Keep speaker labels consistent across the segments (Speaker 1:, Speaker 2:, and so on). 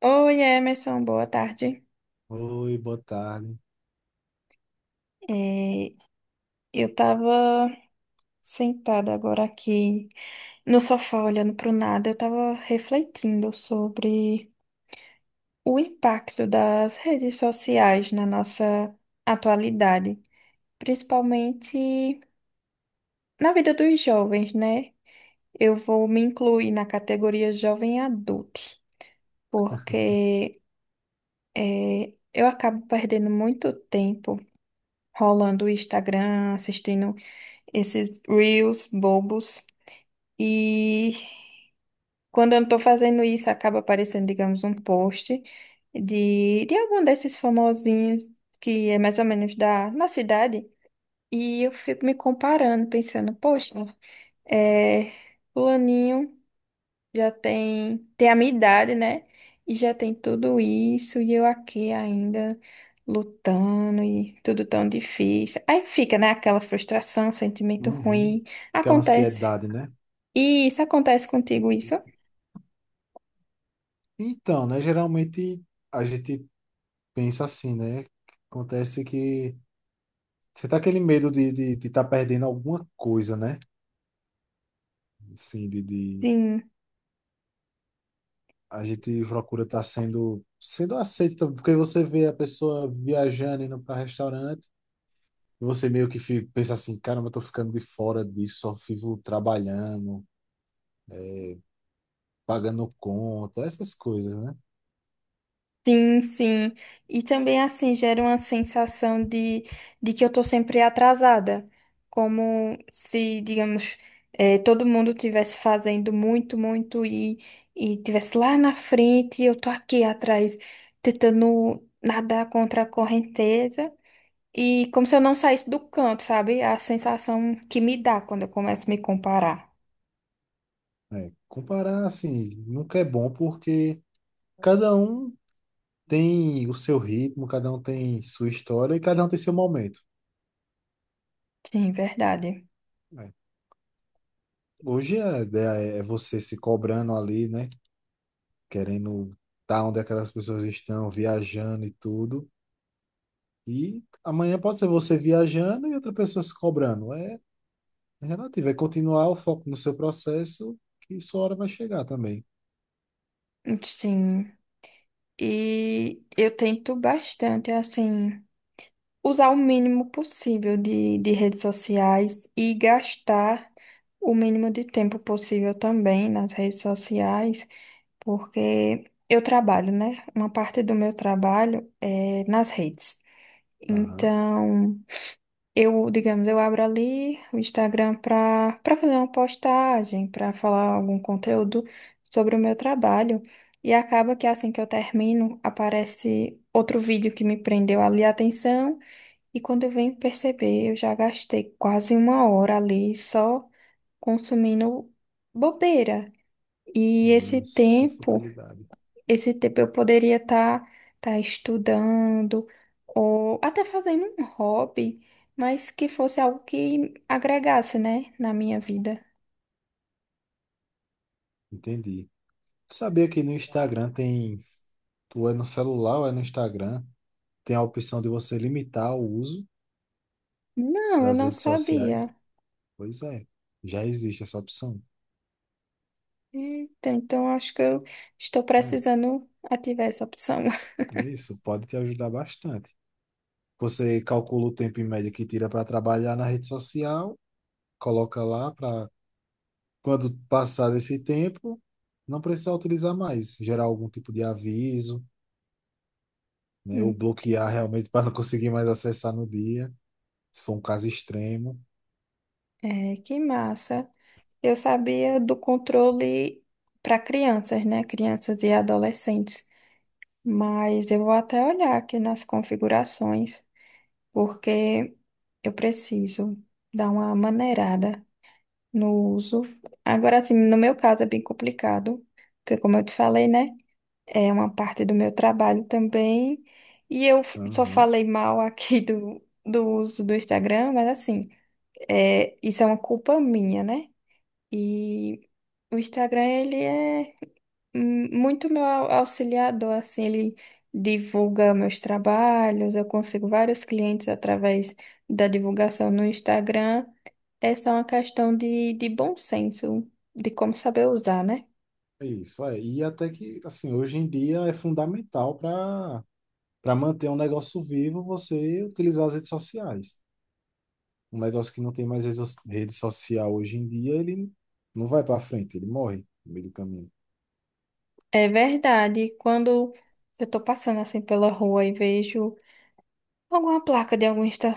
Speaker 1: Oi, Emerson, boa tarde.
Speaker 2: Oi, boa tarde.
Speaker 1: É, eu tava sentada agora aqui no sofá olhando pro nada, eu tava refletindo sobre o impacto das redes sociais na nossa atualidade, principalmente na vida dos jovens, né? Eu vou me incluir na categoria jovem adultos, porque eu acabo perdendo muito tempo rolando o Instagram, assistindo esses reels bobos. E quando eu não tô fazendo isso, acaba aparecendo, digamos, um post de algum desses famosinhos que é mais ou menos da, na cidade. E eu fico me comparando, pensando, poxa, é, fulaninho tem a minha idade, né? E já tem tudo isso, e eu aqui ainda lutando, e tudo tão difícil. Aí fica, né, aquela frustração, sentimento
Speaker 2: Uhum.
Speaker 1: ruim.
Speaker 2: Aquela
Speaker 1: Acontece.
Speaker 2: ansiedade, né?
Speaker 1: E isso acontece contigo, isso?
Speaker 2: Então, né? Geralmente a gente pensa assim, né? Acontece que você tá aquele medo de estar de tá perdendo alguma coisa, né? Assim,
Speaker 1: Sim.
Speaker 2: A gente procura estar sendo aceito, porque você vê a pessoa viajando, indo para restaurante, e você meio que fica, pensa assim, caramba, eu tô ficando de fora disso, só vivo trabalhando, pagando conta, essas coisas, né?
Speaker 1: Sim, sim. E também, assim, gera uma sensação de que eu tô sempre atrasada. Como se, digamos, todo mundo tivesse fazendo muito, e tivesse lá na frente e eu tô aqui atrás, tentando nadar contra a correnteza. E como se eu não saísse do canto, sabe? A sensação que me dá quando eu começo a me comparar.
Speaker 2: É, comparar, assim, nunca é bom porque cada um tem o seu ritmo, cada um tem sua história e cada um tem seu momento.
Speaker 1: Sim, verdade.
Speaker 2: Né? Hoje a ideia é você se cobrando ali, né? Querendo estar onde aquelas pessoas estão, viajando e tudo. E amanhã pode ser você viajando e outra pessoa se cobrando. É relativo, é continuar o foco no seu processo que sua hora vai chegar também.
Speaker 1: Sim. E eu tento bastante, assim, usar o mínimo possível de redes sociais e gastar o mínimo de tempo possível também nas redes sociais, porque eu trabalho, né? Uma parte do meu trabalho é nas redes.
Speaker 2: Aham,
Speaker 1: Então. Eu, digamos, eu abro ali o Instagram para fazer uma postagem, para falar algum conteúdo sobre o meu trabalho. E acaba que assim que eu termino, aparece outro vídeo que me prendeu ali a atenção. E quando eu venho perceber, eu já gastei quase uma hora ali só consumindo bobeira. E esse
Speaker 2: essa
Speaker 1: tempo.
Speaker 2: futilidade.
Speaker 1: Esse tempo eu poderia estar tá estudando ou até fazendo um hobby, mas que fosse algo que agregasse, né, na minha vida.
Speaker 2: Entendi. Tu sabia que no Instagram tem. Tu é no celular ou é no Instagram? Tem a opção de você limitar o uso
Speaker 1: Não, eu
Speaker 2: das
Speaker 1: não
Speaker 2: redes
Speaker 1: sabia.
Speaker 2: sociais. Pois é, já existe essa opção.
Speaker 1: Eita, então acho que eu estou
Speaker 2: Né?
Speaker 1: precisando ativar essa opção.
Speaker 2: É, isso pode te ajudar bastante. Você calcula o tempo em média que tira para trabalhar na rede social, coloca lá para quando passar desse tempo, não precisar utilizar mais, gerar algum tipo de aviso, né, ou bloquear
Speaker 1: Entendi.
Speaker 2: realmente para não conseguir mais acessar no dia, se for um caso extremo.
Speaker 1: É, que massa. Eu sabia do controle para crianças, né? Crianças e adolescentes. Mas eu vou até olhar aqui nas configurações, porque eu preciso dar uma maneirada no uso. Agora, assim, no meu caso é bem complicado, porque como eu te falei, né? É uma parte do meu trabalho também. E eu só
Speaker 2: Aham.
Speaker 1: falei mal aqui do uso do Instagram, mas assim, é, isso é uma culpa minha, né? E o Instagram, ele é muito meu auxiliador, assim, ele divulga meus trabalhos, eu consigo vários clientes através da divulgação no Instagram. Essa é uma questão de bom senso, de como saber usar, né?
Speaker 2: É isso, é. E até que, assim, hoje em dia é fundamental para, para manter um negócio vivo, você utilizar as redes sociais. Um negócio que não tem mais redes so- rede social hoje em dia, ele não vai para frente, ele morre no meio do caminho.
Speaker 1: É verdade, quando eu tô passando assim pela rua e vejo alguma placa de algum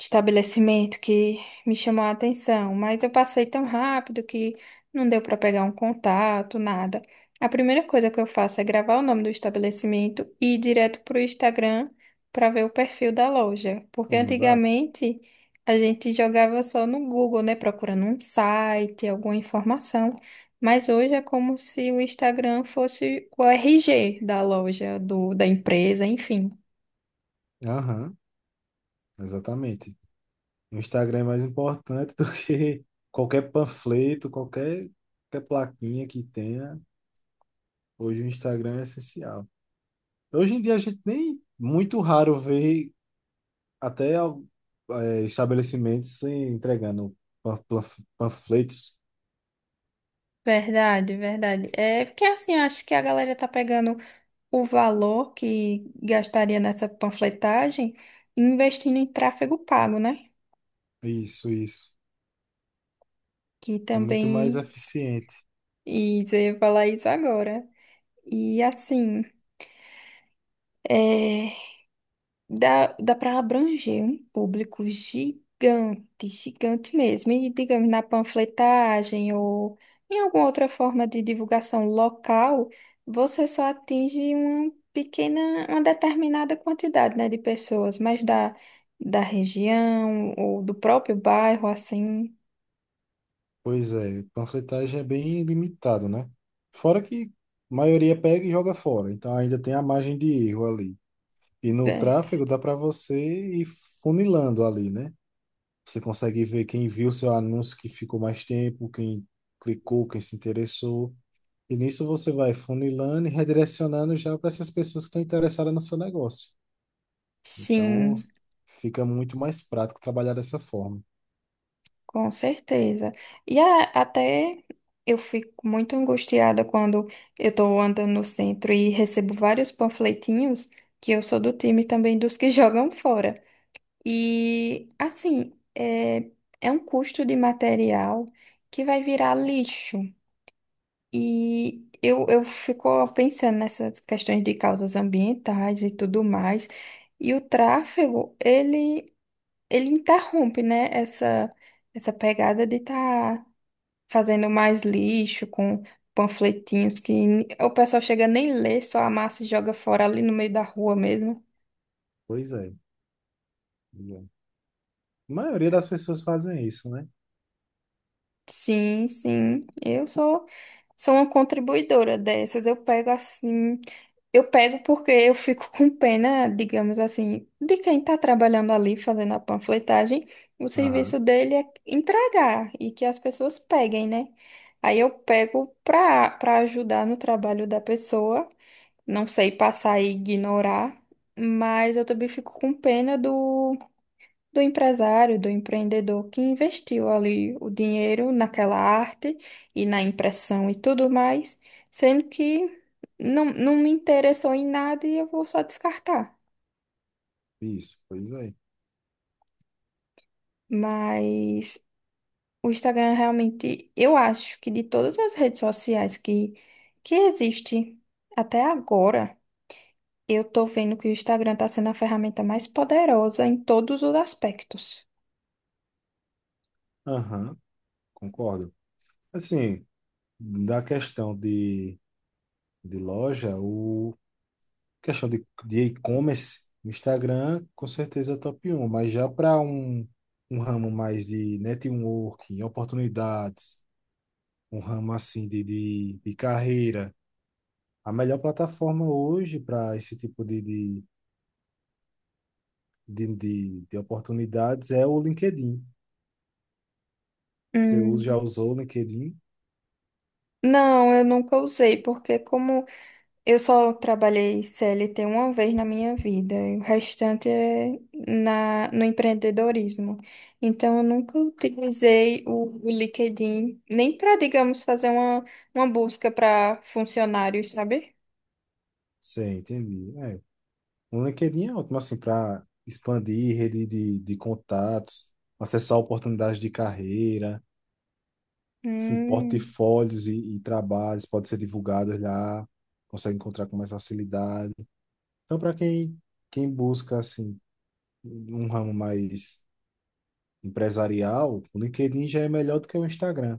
Speaker 1: estabelecimento que me chamou a atenção, mas eu passei tão rápido que não deu para pegar um contato, nada. A primeira coisa que eu faço é gravar o nome do estabelecimento e ir direto para o Instagram para ver o perfil da loja, porque
Speaker 2: Exato.
Speaker 1: antigamente a gente jogava só no Google, né, procurando um site, alguma informação. Mas hoje é como se o Instagram fosse o RG da loja, do, da empresa, enfim.
Speaker 2: Aham, exatamente. O Instagram é mais importante do que qualquer panfleto, qualquer, qualquer plaquinha que tenha. Hoje o Instagram é essencial. Hoje em dia a gente nem muito raro vê até al- estabelecimentos entregando pan- plan- panfletos.
Speaker 1: Verdade, verdade. É porque assim, eu acho que a galera tá pegando o valor que gastaria nessa panfletagem e investindo em tráfego pago, né?
Speaker 2: Isso, isso.
Speaker 1: Que
Speaker 2: É muito mais
Speaker 1: também
Speaker 2: eficiente.
Speaker 1: e você ia falar isso agora. E assim, é, Dá para abranger um público gigante, gigante mesmo. E, digamos, na panfletagem ou em alguma outra forma de divulgação local, você só atinge uma pequena, uma determinada quantidade, né, de pessoas, mas da região ou do próprio bairro, assim,
Speaker 2: Pois é, panfletagem é bem limitada, né? Fora que a maioria pega e joga fora, então ainda tem a margem de erro ali. E no tráfego dá
Speaker 1: verdade.
Speaker 2: para você ir funilando ali, né? Você consegue ver quem viu seu anúncio que ficou mais tempo, quem clicou, quem se interessou. E nisso você vai funilando e redirecionando já para essas pessoas que estão interessadas no seu negócio. Então
Speaker 1: Sim.
Speaker 2: fica muito mais prático trabalhar dessa forma.
Speaker 1: Com certeza. E até eu fico muito angustiada quando eu estou andando no centro e recebo vários panfletinhos, que eu sou do time também dos que jogam fora. E assim, é, é um custo de material que vai virar lixo. E eu fico pensando nessas questões de causas ambientais e tudo mais. E o tráfego, ele interrompe, né, essa pegada de estar fazendo mais lixo com panfletinhos que o pessoal chega nem ler, só amassa e joga fora ali no meio da rua mesmo.
Speaker 2: Pois é. A maioria das pessoas fazem isso, né?
Speaker 1: Sim, sim, eu sou sou uma contribuidora dessas. Eu pego assim, eu pego porque eu fico com pena, digamos assim, de quem está trabalhando ali fazendo a panfletagem, o serviço
Speaker 2: Aham,
Speaker 1: dele é entregar e que as pessoas peguem, né? Aí eu pego para ajudar no trabalho da pessoa. Não sei passar e ignorar, mas eu também fico com pena do, do empresário, do empreendedor que investiu ali o dinheiro naquela arte e na impressão e tudo mais, sendo que não me interessou em nada e eu vou só descartar.
Speaker 2: isso, pois é.
Speaker 1: Mas o Instagram realmente, eu acho que de todas as redes sociais que existe até agora, eu tô vendo que o Instagram está sendo a ferramenta mais poderosa em todos os aspectos.
Speaker 2: Aham, concordo. Assim, da questão de loja, o questão de e-commerce, o Instagram, com certeza é top um. Mas já para um, um ramo mais de networking, oportunidades, um ramo assim de carreira, a melhor plataforma hoje para esse tipo de oportunidades é o LinkedIn. Você já
Speaker 1: Hum.
Speaker 2: usou o LinkedIn?
Speaker 1: Não, eu nunca usei, porque como eu só trabalhei CLT uma vez na minha vida, e o restante é no empreendedorismo. Então, eu nunca utilizei o LinkedIn nem para, digamos, fazer uma busca para funcionários, sabe?
Speaker 2: Sei, entendi. É, um LinkedIn é ótimo, assim, para expandir rede de contatos, acessar oportunidades de carreira, assim,
Speaker 1: Hum.
Speaker 2: portfólios e trabalhos podem ser divulgados lá, consegue encontrar com mais facilidade. Então, para quem, quem busca, assim, um ramo mais empresarial, o LinkedIn já é melhor do que o Instagram.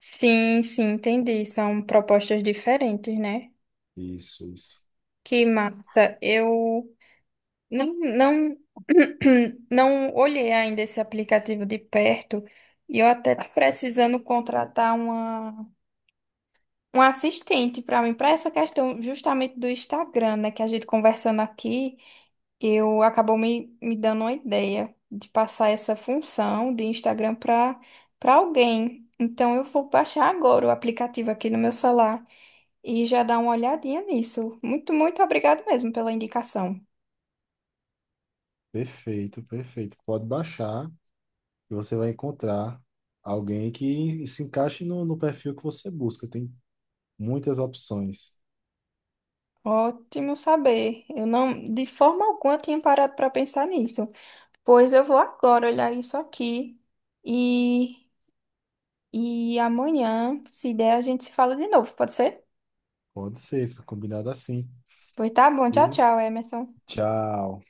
Speaker 1: Sim, sim, entendi. São propostas diferentes, né?
Speaker 2: Isso, isso.
Speaker 1: Que massa. Eu não, não, não olhei ainda esse aplicativo de perto e eu até tô precisando contratar uma. Um assistente para mim, para essa questão justamente do Instagram, né? Que a gente conversando aqui, eu acabou me dando uma ideia de passar essa função de Instagram para alguém. Então eu vou baixar agora o aplicativo aqui no meu celular e já dar uma olhadinha nisso. Muito, muito obrigado mesmo pela indicação.
Speaker 2: Perfeito, perfeito. Pode baixar e você vai encontrar alguém que se encaixe no, no perfil que você busca. Tem muitas opções.
Speaker 1: Ótimo saber. Eu não, de forma alguma, tinha parado para pensar nisso. Pois eu vou agora olhar isso aqui e E amanhã, se der, a gente se fala de novo, pode ser?
Speaker 2: Pode ser, fica combinado assim.
Speaker 1: Pois tá bom, tchau,
Speaker 2: E
Speaker 1: tchau, Emerson.
Speaker 2: tchau.